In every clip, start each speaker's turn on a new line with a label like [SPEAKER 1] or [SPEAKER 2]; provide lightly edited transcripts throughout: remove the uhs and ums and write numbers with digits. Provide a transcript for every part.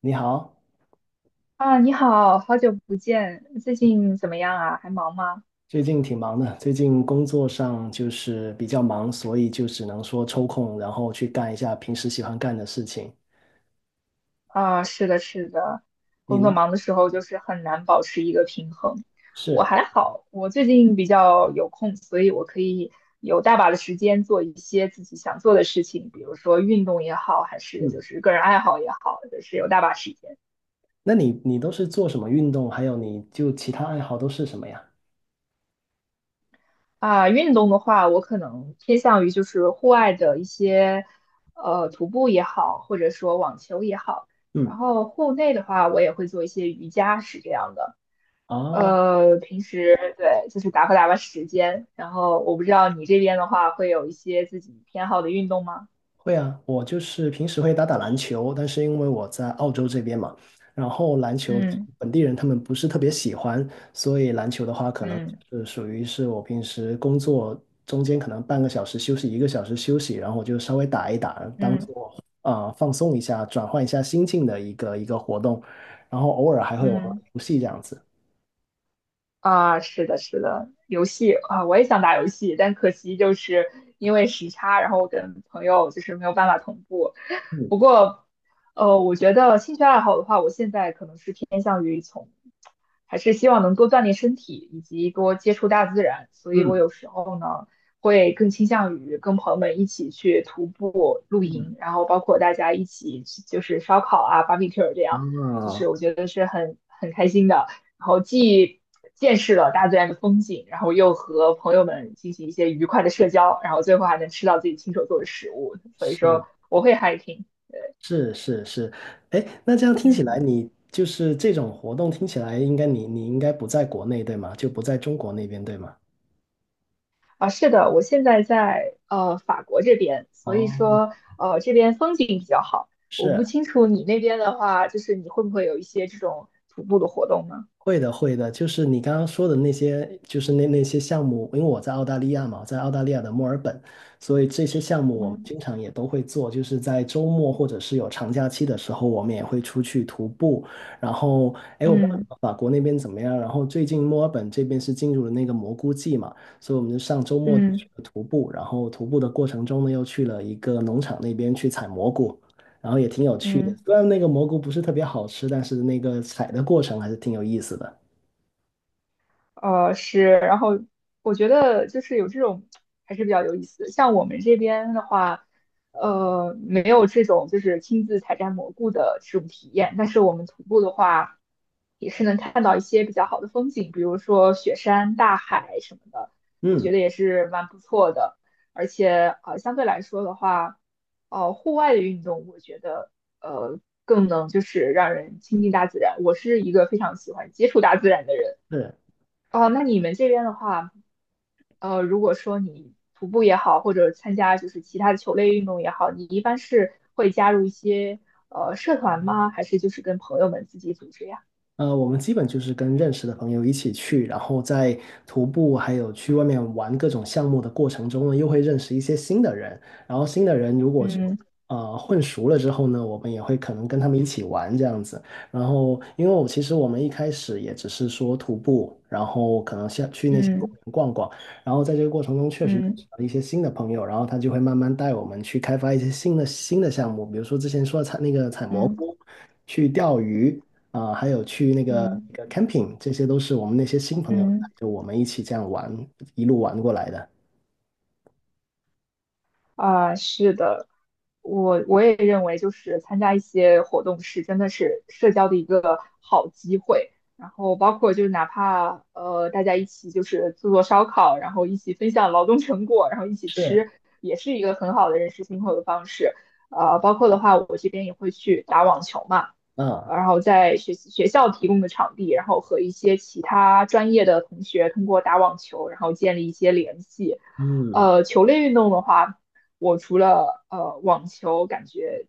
[SPEAKER 1] 你好，
[SPEAKER 2] 啊，你好，好久不见，最近怎么样啊？还忙吗？
[SPEAKER 1] 最近挺忙的，最近工作上就是比较忙，所以就只能说抽空，然后去干一下平时喜欢干的事情。
[SPEAKER 2] 啊，是的，是的，
[SPEAKER 1] 你
[SPEAKER 2] 工作
[SPEAKER 1] 呢？
[SPEAKER 2] 忙的时候就是很难保持一个平衡。我
[SPEAKER 1] 是。
[SPEAKER 2] 还好，我最近比较有空，所以我可以有大把的时间做一些自己想做的事情，比如说运动也好，还是
[SPEAKER 1] 嗯。
[SPEAKER 2] 就是个人爱好也好，就是有大把时间。
[SPEAKER 1] 那你都是做什么运动？还有你就其他爱好都是什么呀？
[SPEAKER 2] 啊，运动的话，我可能偏向于就是户外的一些，徒步也好，或者说网球也好。然
[SPEAKER 1] 嗯。
[SPEAKER 2] 后户内的话，我也会做一些瑜伽，是这样的。
[SPEAKER 1] 哦，
[SPEAKER 2] 平时对，就是打发打发时间。然后我不知道你这边的话，会有一些自己偏好的运动吗？
[SPEAKER 1] 会啊，我就是平时会打打篮球，但是因为我在澳洲这边嘛，然后篮球
[SPEAKER 2] 嗯
[SPEAKER 1] 本地人他们不是特别喜欢，所以篮球的话可能
[SPEAKER 2] 嗯
[SPEAKER 1] 是属于是我平时工作中间可能半个小时休息，一个小时休息，然后我就稍微打一打，当
[SPEAKER 2] 嗯
[SPEAKER 1] 做放松一下，转换一下心境的一个活动，然后偶尔还会玩玩
[SPEAKER 2] 嗯。
[SPEAKER 1] 游戏这样子。
[SPEAKER 2] 啊，是的，是的，游戏啊，我也想打游戏，但可惜就是因为时差，然后我跟朋友就是没有办法同步。不
[SPEAKER 1] 嗯。
[SPEAKER 2] 过，我觉得兴趣爱好的话，我现在可能是偏向于从，还是希望能多锻炼身体，以及多接触大自然。所以我
[SPEAKER 1] 嗯。
[SPEAKER 2] 有时候呢，会更倾向于跟朋友们一起去徒步、露
[SPEAKER 1] 嗯。
[SPEAKER 2] 营，然后包括大家一起去就是烧烤啊、barbecue 这样，就是
[SPEAKER 1] 啊，
[SPEAKER 2] 我觉得是很很开心的。然后既见识了大自然的风景，然后又和朋友们进行一些愉快的社交，然后最后还能吃到自己亲手做的食物，所以
[SPEAKER 1] 是。
[SPEAKER 2] 说我会 hiking。
[SPEAKER 1] 是是是。哎，那这样听起来，
[SPEAKER 2] 嗯，
[SPEAKER 1] 你就是这种活动听起来，应该你应该不在国内对吗？就不在中国那边对吗？
[SPEAKER 2] 啊，是的，我现在在法国这边，所以
[SPEAKER 1] 哦，
[SPEAKER 2] 说这边风景比较好。我不
[SPEAKER 1] 是。
[SPEAKER 2] 清楚你那边的话，就是你会不会有一些这种徒步的活动呢？
[SPEAKER 1] 会的，会的，就是你刚刚说的那些，就是那些项目，因为我在澳大利亚嘛，我在澳大利亚的墨尔本，所以这些项目我们
[SPEAKER 2] 嗯，
[SPEAKER 1] 经常也都会做，就是在周末或者是有长假期的时候，我们也会出去徒步。然后，哎，我不知
[SPEAKER 2] 嗯
[SPEAKER 1] 道法国那边怎么样，然后最近墨尔本这边是进入了那个蘑菇季嘛，所以我们就上周末就去
[SPEAKER 2] 嗯
[SPEAKER 1] 了徒步，然后徒步的过程中呢，又去了一个农场那边去采蘑菇。然后也挺有趣的。
[SPEAKER 2] 嗯。
[SPEAKER 1] 虽然那个蘑菇不是特别好吃，但是那个采的过程还是挺有意思的。
[SPEAKER 2] 是，然后我觉得就是有这种还是比较有意思的。像我们这边的话，没有这种就是亲自采摘蘑菇的这种体验，但是我们徒步的话，也是能看到一些比较好的风景，比如说雪山、大海什么的，我觉
[SPEAKER 1] 嗯，
[SPEAKER 2] 得也是蛮不错的。而且相对来说的话，户外的运动，我觉得呃，更能就是让人亲近大自然。我是一个非常喜欢接触大自然的人。
[SPEAKER 1] 是。
[SPEAKER 2] 哦，那你们这边的话，如果说你徒步也好，或者参加就是其他的球类运动也好，你一般是会加入一些社团吗？还是就是跟朋友们自己组织呀？
[SPEAKER 1] 我们基本就是跟认识的朋友一起去，然后在徒步还有去外面玩各种项目的过程中呢，又会认识一些新的人。然后新的人如果之后
[SPEAKER 2] 嗯
[SPEAKER 1] 混熟了之后呢，我们也会可能跟他们一起玩这样子。然后，因为我其实我们一开始也只是说徒步，然后可能像去那些公
[SPEAKER 2] 嗯
[SPEAKER 1] 园逛逛，然后在这个过程中确实认识
[SPEAKER 2] 嗯
[SPEAKER 1] 了一些新的朋友，然后他就会慢慢带我们去开发一些新的项目，比如说之前说的采那个采蘑菇。
[SPEAKER 2] 嗯
[SPEAKER 1] 去钓鱼，还有去那
[SPEAKER 2] 嗯
[SPEAKER 1] 个
[SPEAKER 2] 嗯
[SPEAKER 1] 那个 camping，这些都是我们那些新朋友，
[SPEAKER 2] 嗯。
[SPEAKER 1] 就我们一起这样玩，一路玩过来的。
[SPEAKER 2] 啊，是的，我也认为，就是参加一些活动是真的是社交的一个好机会。然后包括就是哪怕大家一起就是做做烧烤，然后一起分享劳动成果，然后一起
[SPEAKER 1] 是。
[SPEAKER 2] 吃，也是一个很好的认识新朋友的方式。包括的话，我这边也会去打网球嘛，
[SPEAKER 1] 啊。
[SPEAKER 2] 然后在学习学校提供的场地，然后和一些其他专业的同学通过打网球，然后建立一些联系。
[SPEAKER 1] 嗯。
[SPEAKER 2] 呃，球类运动的话。我除了网球感觉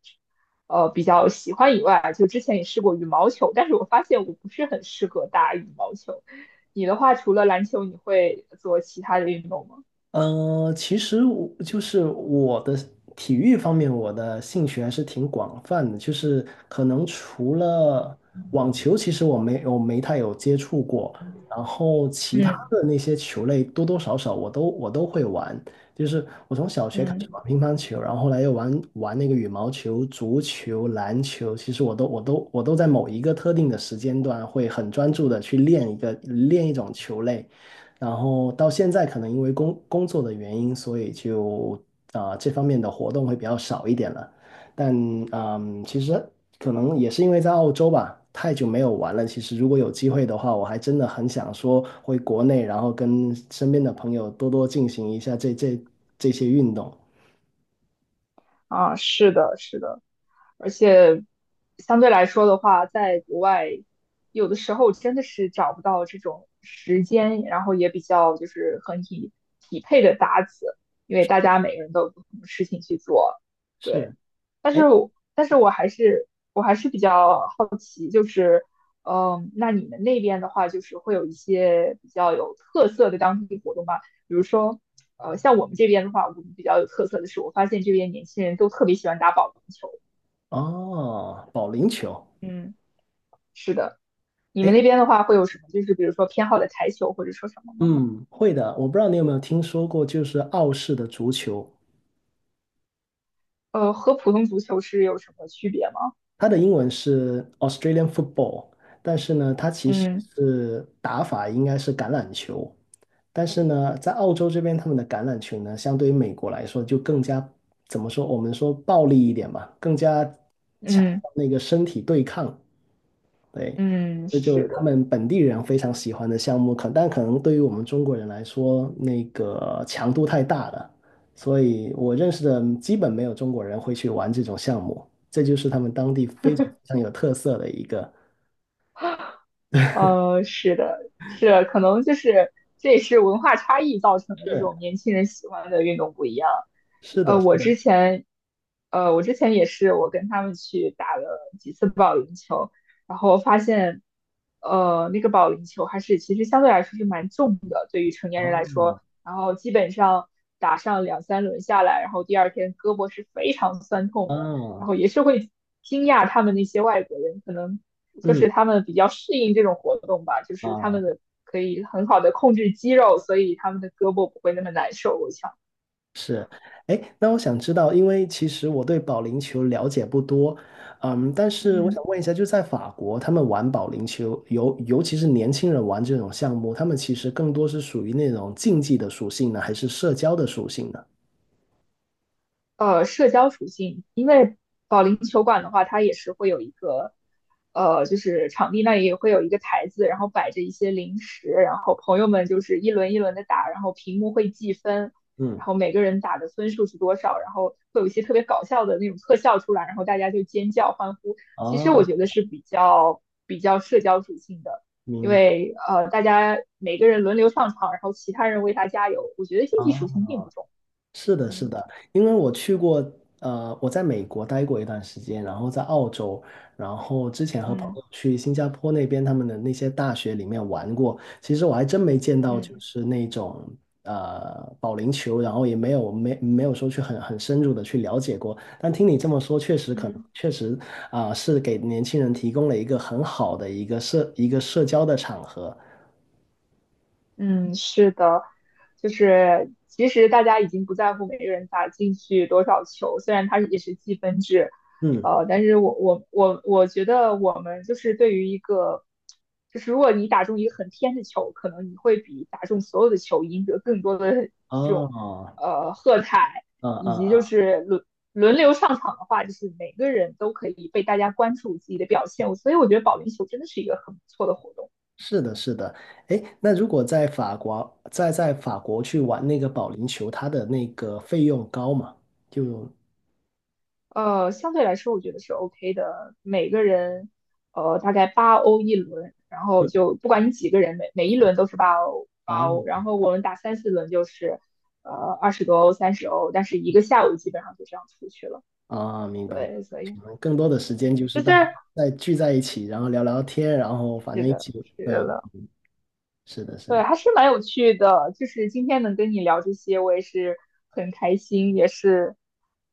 [SPEAKER 2] 比较喜欢以外，就之前也试过羽毛球，但是我发现我不是很适合打羽毛球。你的话，除了篮球，你会做其他的运动吗？
[SPEAKER 1] 呃，其实我就是我的体育方面，我的兴趣还是挺广泛的。就是可能除了网球，其实我没太有接触过。然后其他
[SPEAKER 2] 嗯
[SPEAKER 1] 的那些球类，多多少少我都会玩。就是我从小学开始
[SPEAKER 2] 嗯
[SPEAKER 1] 玩乒乓球，然后后来又玩玩那个羽毛球、足球、篮球。其实我都在某一个特定的时间段会很专注的去练一种球类。然后到现在可能因为工作的原因，所以就这方面的活动会比较少一点了。但嗯，其实可能也是因为在澳洲吧，太久没有玩了。其实如果有机会的话，我还真的很想说回国内，然后跟身边的朋友多多进行一下这些运动。
[SPEAKER 2] 啊，是的，是的，而且相对来说的话，在国外有的时候真的是找不到这种时间，然后也比较就是很匹配的搭子，因为大家每个人都有不同的事情去做。对。
[SPEAKER 1] 是。
[SPEAKER 2] 但
[SPEAKER 1] 哎。
[SPEAKER 2] 是我但是我还是还是比较好奇，就是，嗯，那你们那边的话，就是会有一些比较有特色的当地活动吗？比如说，像我们这边的话，我们比较有特色的是，我发现这边年轻人都特别喜欢打保龄球。
[SPEAKER 1] 哦，保龄球。
[SPEAKER 2] 嗯，是的，你们
[SPEAKER 1] 哎。
[SPEAKER 2] 那边的话会有什么？就是比如说偏好的台球或者说什么吗？
[SPEAKER 1] 嗯，会的。我不知道你有没有听说过，就是澳式的足球。
[SPEAKER 2] 和普通足球是有什么区别吗？
[SPEAKER 1] 它的英文是 Australian football，但是呢，它其实
[SPEAKER 2] 嗯
[SPEAKER 1] 是打法应该是橄榄球，但是呢，在澳洲这边，他们的橄榄球呢，相对于美国来说，就更加怎么说，我们说暴力一点吧，更加强
[SPEAKER 2] 嗯
[SPEAKER 1] 调那个身体对抗，对，
[SPEAKER 2] 嗯，
[SPEAKER 1] 这就是
[SPEAKER 2] 是
[SPEAKER 1] 他
[SPEAKER 2] 的。
[SPEAKER 1] 们本地人非常喜欢的项目，可但可能对于我们中国人来说，那个强度太大了，所以我认识的基本没有中国人会去玩这种项目，这就是他们当地非常非常有特色的一个。
[SPEAKER 2] 是的，是，可能就是这也是文化差异造成的，这
[SPEAKER 1] 是
[SPEAKER 2] 种年轻人喜欢的运动不一样。
[SPEAKER 1] 是的，
[SPEAKER 2] 呃，
[SPEAKER 1] 是
[SPEAKER 2] 我
[SPEAKER 1] 的。
[SPEAKER 2] 之前，我之前也是，我跟他们去打了几次保龄球，然后发现，那个保龄球还是其实相对来说是蛮重的，对于成年人来说，然后基本上打上两三轮下来，然后第二天胳膊是非常酸痛
[SPEAKER 1] 啊。
[SPEAKER 2] 的，然后也是会惊讶他们那些外国人可能。就
[SPEAKER 1] 嗯。
[SPEAKER 2] 是他们比较适应这种活动吧，就是他
[SPEAKER 1] 啊。
[SPEAKER 2] 们的可以很好的控制肌肉，所以他们的胳膊不会那么难受。我想，
[SPEAKER 1] 是。哎，那我想知道，因为其实我对保龄球了解不多，嗯，但是我想
[SPEAKER 2] 嗯。
[SPEAKER 1] 问一下，就在法国，他们玩保龄球，尤其是年轻人玩这种项目，他们其实更多是属于那种竞技的属性呢，还是社交的属性呢？
[SPEAKER 2] 社交属性，因为保龄球馆的话，它也是会有一个就是场地那里也会有一个台子，然后摆着一些零食，然后朋友们就是一轮一轮的打，然后屏幕会计分，
[SPEAKER 1] 嗯。
[SPEAKER 2] 然后每个人打的分数是多少，然后会有一些特别搞笑的那种特效出来，然后大家就尖叫欢呼。其实我
[SPEAKER 1] 哦。
[SPEAKER 2] 觉得是比较社交属性的。因
[SPEAKER 1] 明。
[SPEAKER 2] 为大家每个人轮流上场，然后其他人为他加油，我觉得竞技属
[SPEAKER 1] 啊，
[SPEAKER 2] 性并不重。
[SPEAKER 1] 是的，是
[SPEAKER 2] 嗯
[SPEAKER 1] 的，因为我去过，我在美国待过一段时间，然后在澳洲，然后之前和朋
[SPEAKER 2] 嗯
[SPEAKER 1] 友去新加坡那边他们的那些大学里面玩过，其实我还真没见到就
[SPEAKER 2] 嗯。
[SPEAKER 1] 是那种保龄球，然后也没有说去很深入的去了解过，但听你这么说，确实可能
[SPEAKER 2] 嗯
[SPEAKER 1] 确实啊，是给年轻人提供了一个很好的一个社交的场合，
[SPEAKER 2] 嗯，是的，就是其实大家已经不在乎每个人打进去多少球，虽然它也是积分制，
[SPEAKER 1] 嗯。
[SPEAKER 2] 但是我觉得我们就是对于一个，就是如果你打中一个很偏的球，可能你会比打中所有的球赢得更多的 这种
[SPEAKER 1] 哦。
[SPEAKER 2] 喝彩，
[SPEAKER 1] 嗯。
[SPEAKER 2] 以及
[SPEAKER 1] 嗯。
[SPEAKER 2] 就是轮流上场的话，就是每个人都可以被大家关注自己的表现，所以我觉得保龄球真的是一个很不错的活动。
[SPEAKER 1] 是的，是的。哎，那如果在法国，在法国去玩那个保龄球，它的那个费用高嘛？就
[SPEAKER 2] 相对来说我觉得是 OK 的，每个人大概八欧一轮，然后
[SPEAKER 1] 嗯。
[SPEAKER 2] 就不管你几个人，每一轮都是八欧
[SPEAKER 1] 啊。
[SPEAKER 2] 八欧，然后我们打3、4轮就是呃20多欧30欧，但是一个下午基本上就这样出去了。
[SPEAKER 1] 啊，明白，
[SPEAKER 2] 对，所以
[SPEAKER 1] 可能更多的时
[SPEAKER 2] 对，
[SPEAKER 1] 间就是
[SPEAKER 2] 就是
[SPEAKER 1] 大在聚在一起，然后聊聊天，然后反
[SPEAKER 2] 是
[SPEAKER 1] 正一
[SPEAKER 2] 的，
[SPEAKER 1] 起，
[SPEAKER 2] 是
[SPEAKER 1] 对，
[SPEAKER 2] 的。
[SPEAKER 1] 是的，是
[SPEAKER 2] 对，
[SPEAKER 1] 的。
[SPEAKER 2] 还是蛮有趣的。就是今天能跟你聊这些，我也是很开心，也是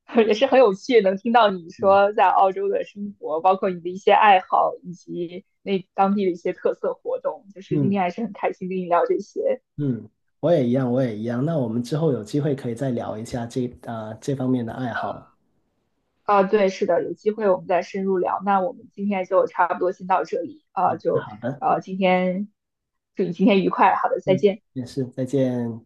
[SPEAKER 2] 也是很有趣，能听到你
[SPEAKER 1] 嗯。
[SPEAKER 2] 说在澳洲的生活，包括你的一些爱好，以及那当地的一些特色活动。就是今
[SPEAKER 1] 嗯。
[SPEAKER 2] 天还是很开心跟你聊这些。
[SPEAKER 1] 嗯。我也一样，我也一样。那我们之后有机会可以再聊一下这方面的爱好。
[SPEAKER 2] 啊，对，是的，有机会我们再深入聊。那我们今天就差不多先到这里
[SPEAKER 1] 好
[SPEAKER 2] 啊，
[SPEAKER 1] 的，
[SPEAKER 2] 就
[SPEAKER 1] 好的。
[SPEAKER 2] 啊，今天祝你今天愉快，好的，再
[SPEAKER 1] 嗯，
[SPEAKER 2] 见。
[SPEAKER 1] 也是，再见。